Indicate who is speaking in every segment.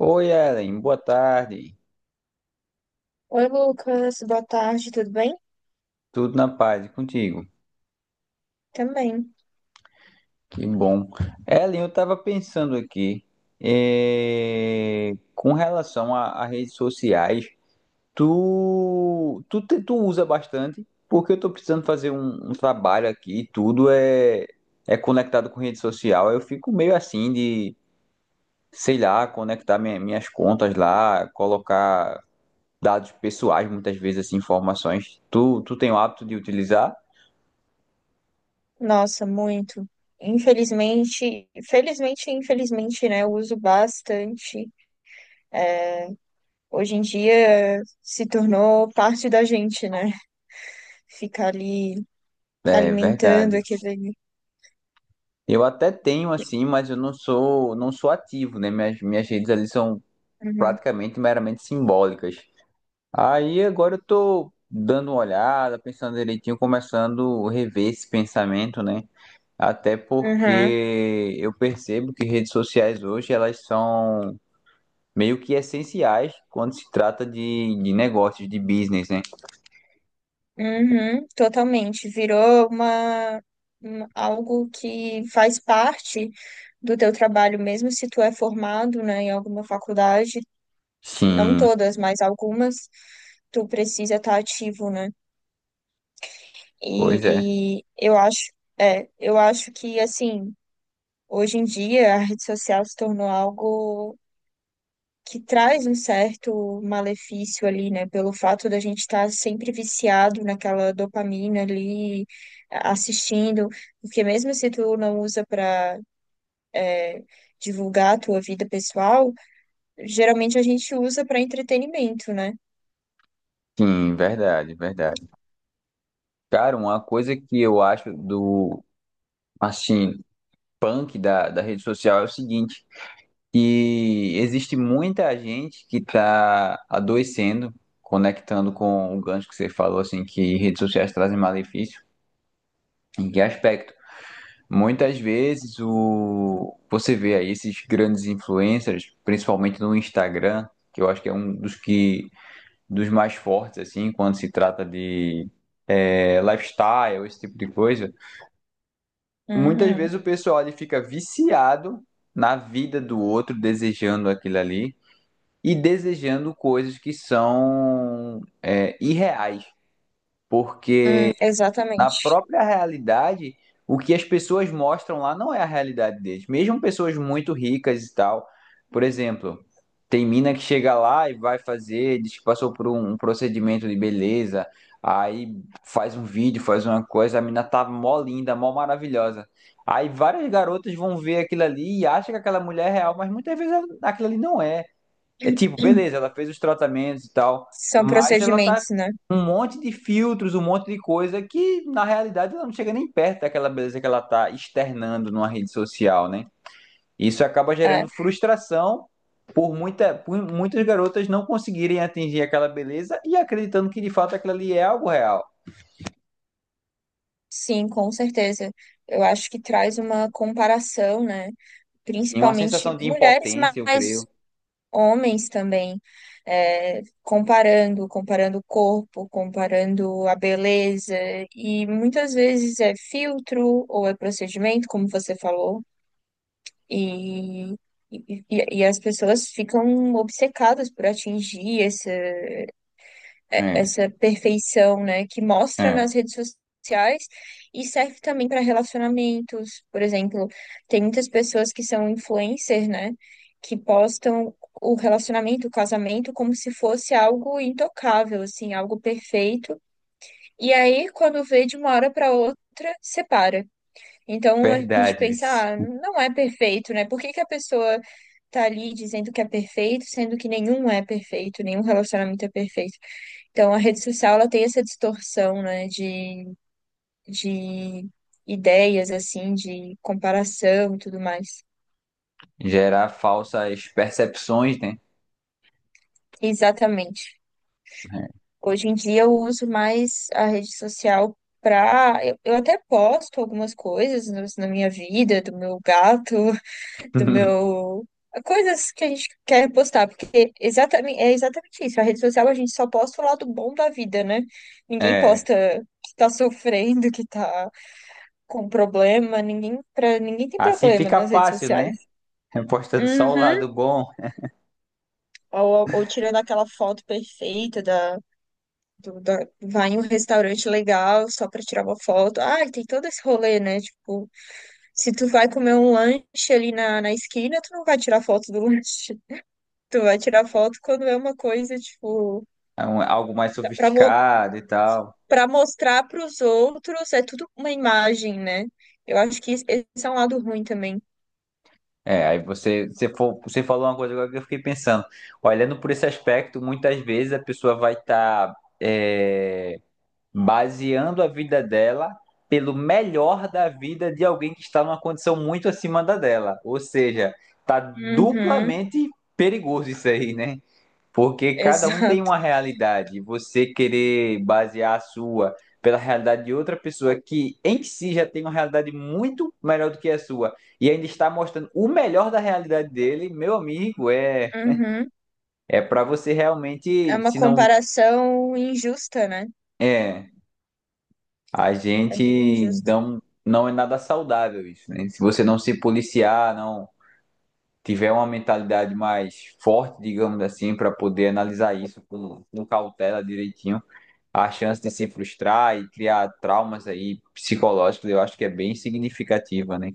Speaker 1: Oi, Ellen, boa tarde.
Speaker 2: Oi, Lucas, boa tarde, tudo bem?
Speaker 1: Tudo na paz e contigo?
Speaker 2: Também.
Speaker 1: Que bom. Ellen, eu estava pensando aqui, com relação a redes sociais, tu usa bastante, porque eu estou precisando fazer um trabalho aqui, e tudo é conectado com rede social. Eu fico meio assim de, sei lá, conectar minhas contas lá, colocar dados pessoais, muitas vezes, assim, informações. Tu tem o hábito de utilizar?
Speaker 2: Nossa, muito. Infelizmente, felizmente e infelizmente, né? Eu uso bastante. Hoje em dia se tornou parte da gente, né? Ficar ali
Speaker 1: É
Speaker 2: alimentando
Speaker 1: verdade.
Speaker 2: aquele.
Speaker 1: Eu até tenho assim, mas eu não sou ativo, né? Minhas redes ali são
Speaker 2: Uhum,
Speaker 1: praticamente meramente simbólicas. Aí agora eu tô dando uma olhada, pensando direitinho, começando a rever esse pensamento, né? Até
Speaker 2: uhum,
Speaker 1: porque eu percebo que redes sociais hoje elas são meio que essenciais quando se trata de negócios, de business, né?
Speaker 2: uhum, totalmente. Virou algo que faz parte do teu trabalho, mesmo se tu é formado, né, em alguma faculdade não
Speaker 1: Sim,
Speaker 2: todas, mas algumas, tu precisa estar ativo, né?
Speaker 1: pois é.
Speaker 2: E eu acho, eu acho que assim, hoje em dia a rede social se tornou algo que traz um certo malefício ali, né? Pelo fato da gente estar sempre viciado naquela dopamina ali, assistindo, porque mesmo se tu não usa para divulgar a tua vida pessoal, geralmente a gente usa para entretenimento, né?
Speaker 1: Sim, verdade, verdade. Cara, uma coisa que eu acho do assim punk da rede social é o seguinte, que existe muita gente que está adoecendo, conectando com o gancho que você falou, assim, que redes sociais trazem malefício. Em que aspecto? Muitas vezes o você vê aí esses grandes influencers, principalmente no Instagram, que eu acho que é um dos mais fortes assim, quando se trata de lifestyle, esse tipo de coisa. Muitas vezes
Speaker 2: Uhum.
Speaker 1: o pessoal ali fica viciado na vida do outro, desejando aquilo ali e desejando coisas que são irreais, porque na
Speaker 2: Exatamente.
Speaker 1: própria realidade, o que as pessoas mostram lá não é a realidade deles. Mesmo pessoas muito ricas e tal. Por exemplo, tem mina que chega lá e vai fazer, diz que passou por um procedimento de beleza, aí faz um vídeo, faz uma coisa, a mina tá mó linda, mó maravilhosa. Aí várias garotas vão ver aquilo ali e acham que aquela mulher é real, mas muitas vezes aquilo ali não é. É tipo, beleza, ela fez os tratamentos e tal,
Speaker 2: São
Speaker 1: mas ela tá
Speaker 2: procedimentos, né?
Speaker 1: com um monte de filtros, um monte de coisa que na realidade ela não chega nem perto daquela beleza que ela tá externando numa rede social, né? Isso acaba gerando
Speaker 2: É,
Speaker 1: frustração por muitas garotas não conseguirem atingir aquela beleza e acreditando que de fato aquilo ali é algo real.
Speaker 2: sim, com certeza. Eu acho que traz uma comparação, né?
Speaker 1: E uma sensação
Speaker 2: Principalmente
Speaker 1: de
Speaker 2: mulheres,
Speaker 1: impotência, eu creio.
Speaker 2: mas homens também, comparando, o corpo, comparando a beleza, e muitas vezes é filtro ou é procedimento, como você falou, e, e as pessoas ficam obcecadas por atingir
Speaker 1: É,
Speaker 2: essa perfeição, né, que mostra
Speaker 1: é,
Speaker 2: nas redes sociais e serve também para relacionamentos. Por exemplo, tem muitas pessoas que são influencers, né, que postam o relacionamento, o casamento, como se fosse algo intocável, assim, algo perfeito. E aí, quando vê de uma hora para outra, separa. Então a gente
Speaker 1: verdade,
Speaker 2: pensa,
Speaker 1: vice.
Speaker 2: ah, não é perfeito, né? Por que que a pessoa tá ali dizendo que é perfeito, sendo que nenhum é perfeito, nenhum relacionamento é perfeito. Então, a rede social ela tem essa distorção, né, de ideias, assim, de comparação e tudo mais.
Speaker 1: Gerar falsas percepções, né?
Speaker 2: Exatamente. Hoje em dia eu uso mais a rede social para. Eu até posto algumas coisas na minha vida, do meu gato, do meu. Coisas que a gente quer postar, porque exatamente, é exatamente isso. A rede social a gente só posta o lado bom da vida, né? Ninguém
Speaker 1: É.
Speaker 2: posta que tá sofrendo, que tá com problema, ninguém, pra, ninguém tem
Speaker 1: Assim
Speaker 2: problema
Speaker 1: fica
Speaker 2: nas redes
Speaker 1: fácil, né?
Speaker 2: sociais.
Speaker 1: Postando só o
Speaker 2: Uhum.
Speaker 1: lado bom,
Speaker 2: Ou tirando aquela foto perfeita da vai em um restaurante legal só pra tirar uma foto. Ah, tem todo esse rolê, né? Tipo, se tu vai comer um lanche ali na esquina, tu não vai tirar foto do lanche. Tu vai tirar foto quando é uma coisa, tipo,
Speaker 1: é um- algo mais
Speaker 2: pra, mo
Speaker 1: sofisticado e tal.
Speaker 2: pra mostrar pros outros, é tudo uma imagem, né? Eu acho que esse é um lado ruim também.
Speaker 1: É, aí você, você, fo- você falou uma coisa agora que eu fiquei pensando. Olhando por esse aspecto, muitas vezes a pessoa vai estar baseando a vida dela pelo melhor da vida de alguém que está numa condição muito acima da dela. Ou seja, tá
Speaker 2: Uhum,
Speaker 1: duplamente perigoso isso aí, né? Porque cada um tem
Speaker 2: exato.
Speaker 1: uma realidade, e você querer basear a sua pela realidade de outra pessoa que em si já tem uma realidade muito melhor do que a sua e ainda está mostrando o melhor da realidade dele, meu amigo, é
Speaker 2: Uhum.
Speaker 1: é para você
Speaker 2: É
Speaker 1: realmente,
Speaker 2: uma
Speaker 1: se não
Speaker 2: comparação injusta, né?
Speaker 1: é, a
Speaker 2: É bem
Speaker 1: gente
Speaker 2: injusto.
Speaker 1: não é nada saudável isso, né? Se você não se policiar, não tiver uma mentalidade mais forte, digamos assim, para poder analisar isso com cautela direitinho, a chance de se frustrar e criar traumas aí psicológicos, eu acho que é bem significativa, né?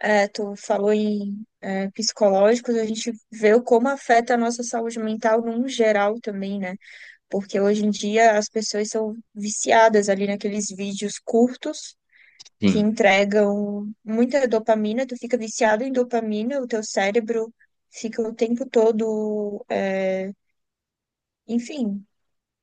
Speaker 2: É, tu falou em psicológicos, a gente vê o como afeta a nossa saúde mental num geral também, né? Porque hoje em dia as pessoas são viciadas ali naqueles vídeos curtos que
Speaker 1: Sim.
Speaker 2: entregam muita dopamina, tu fica viciado em dopamina, o teu cérebro fica o tempo todo, enfim,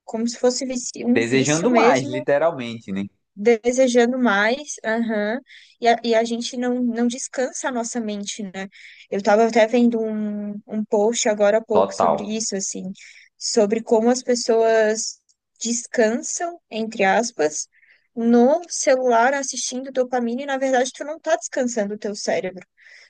Speaker 2: como se fosse um vício
Speaker 1: Desejando mais,
Speaker 2: mesmo
Speaker 1: literalmente, né?
Speaker 2: desejando mais, aham. E a gente não descansa a nossa mente, né? Eu estava até vendo um post agora há pouco sobre
Speaker 1: Total.
Speaker 2: isso, assim, sobre como as pessoas descansam, entre aspas, no celular assistindo dopamina, e na verdade tu não tá descansando o teu cérebro.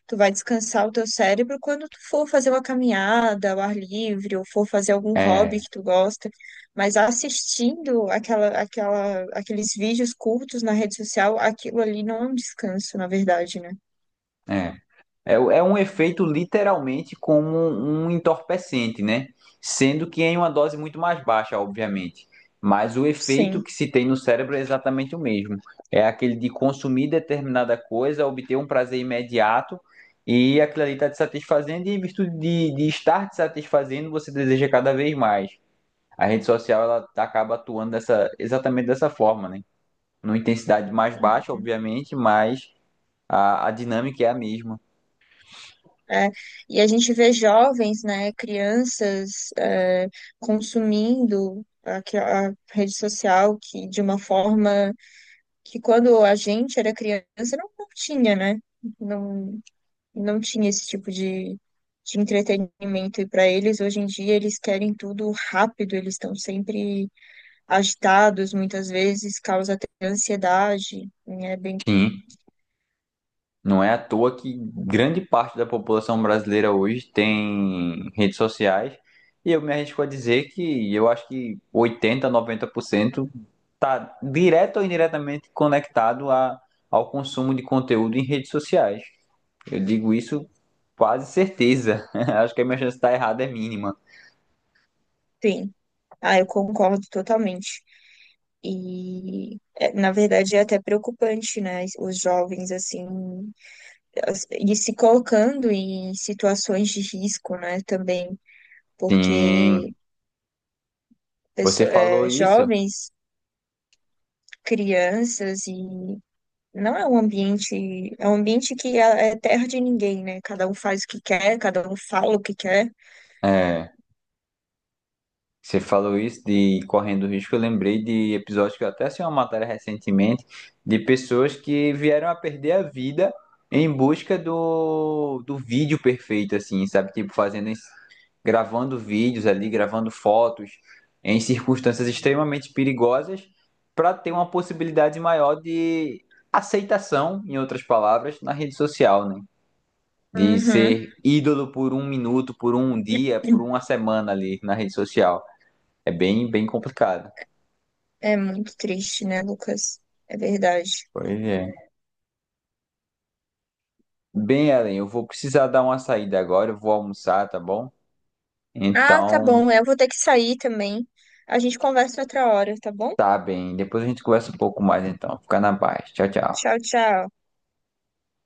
Speaker 2: Tu vai descansar o teu cérebro quando tu for fazer uma caminhada ao ar livre, ou for fazer algum
Speaker 1: É,
Speaker 2: hobby que tu gosta. Mas assistindo aqueles vídeos curtos na rede social, aquilo ali não é um descanso, na verdade, né?
Speaker 1: é. É, é um efeito literalmente como um entorpecente, né? Sendo que em uma dose muito mais baixa, obviamente. Mas o efeito
Speaker 2: Sim.
Speaker 1: que se tem no cérebro é exatamente o mesmo. É aquele de consumir determinada coisa, obter um prazer imediato e aquilo ali está te satisfazendo, e em virtude de estar te satisfazendo, você deseja cada vez mais. A rede social ela acaba atuando dessa, exatamente dessa forma, né? Numa intensidade mais baixa, obviamente, mas a dinâmica é a mesma.
Speaker 2: É, e a gente vê jovens, né, crianças, consumindo a rede social que de uma forma que quando a gente era criança não, não tinha, né? Não, não tinha esse tipo de entretenimento. E para eles, hoje em dia, eles querem tudo rápido, eles estão sempre agitados muitas vezes, causa até ansiedade, né? Bem,
Speaker 1: Sim. Não é à toa que grande parte da população brasileira hoje tem redes sociais, e eu me arrisco a dizer que eu acho que 80, 90% está direto ou indiretamente conectado ao consumo de conteúdo em redes sociais. Eu digo isso quase certeza. Acho que a minha chance de estar errada é mínima.
Speaker 2: bem. Ah, eu concordo totalmente. Na verdade, é até preocupante, né? Os jovens, assim, e se colocando em situações de risco, né? Também, porque
Speaker 1: Sim, você falou isso.
Speaker 2: jovens, crianças e. Não é um ambiente, é um ambiente que é terra de ninguém, né? Cada um faz o que quer, cada um fala o que quer.
Speaker 1: É, você falou isso de correndo risco, eu lembrei de episódios que eu até assisti uma matéria recentemente de pessoas que vieram a perder a vida em busca do vídeo perfeito, assim, sabe? Tipo, fazendo, gravando vídeos ali, gravando fotos em circunstâncias extremamente perigosas para ter uma possibilidade maior de aceitação, em outras palavras, na rede social, né? De
Speaker 2: Uhum.
Speaker 1: ser ídolo por um minuto, por um dia, por uma semana ali na rede social. É bem, bem complicado.
Speaker 2: É muito triste, né, Lucas? É verdade.
Speaker 1: Pois é. Bem, Ellen, eu vou precisar dar uma saída agora, eu vou almoçar, tá bom?
Speaker 2: Ah, tá
Speaker 1: Então,
Speaker 2: bom. Eu vou ter que sair também. A gente conversa outra hora, tá bom?
Speaker 1: tá bem. Depois a gente conversa um pouco mais, então. Fica na paz. Tchau, tchau.
Speaker 2: Tchau, tchau.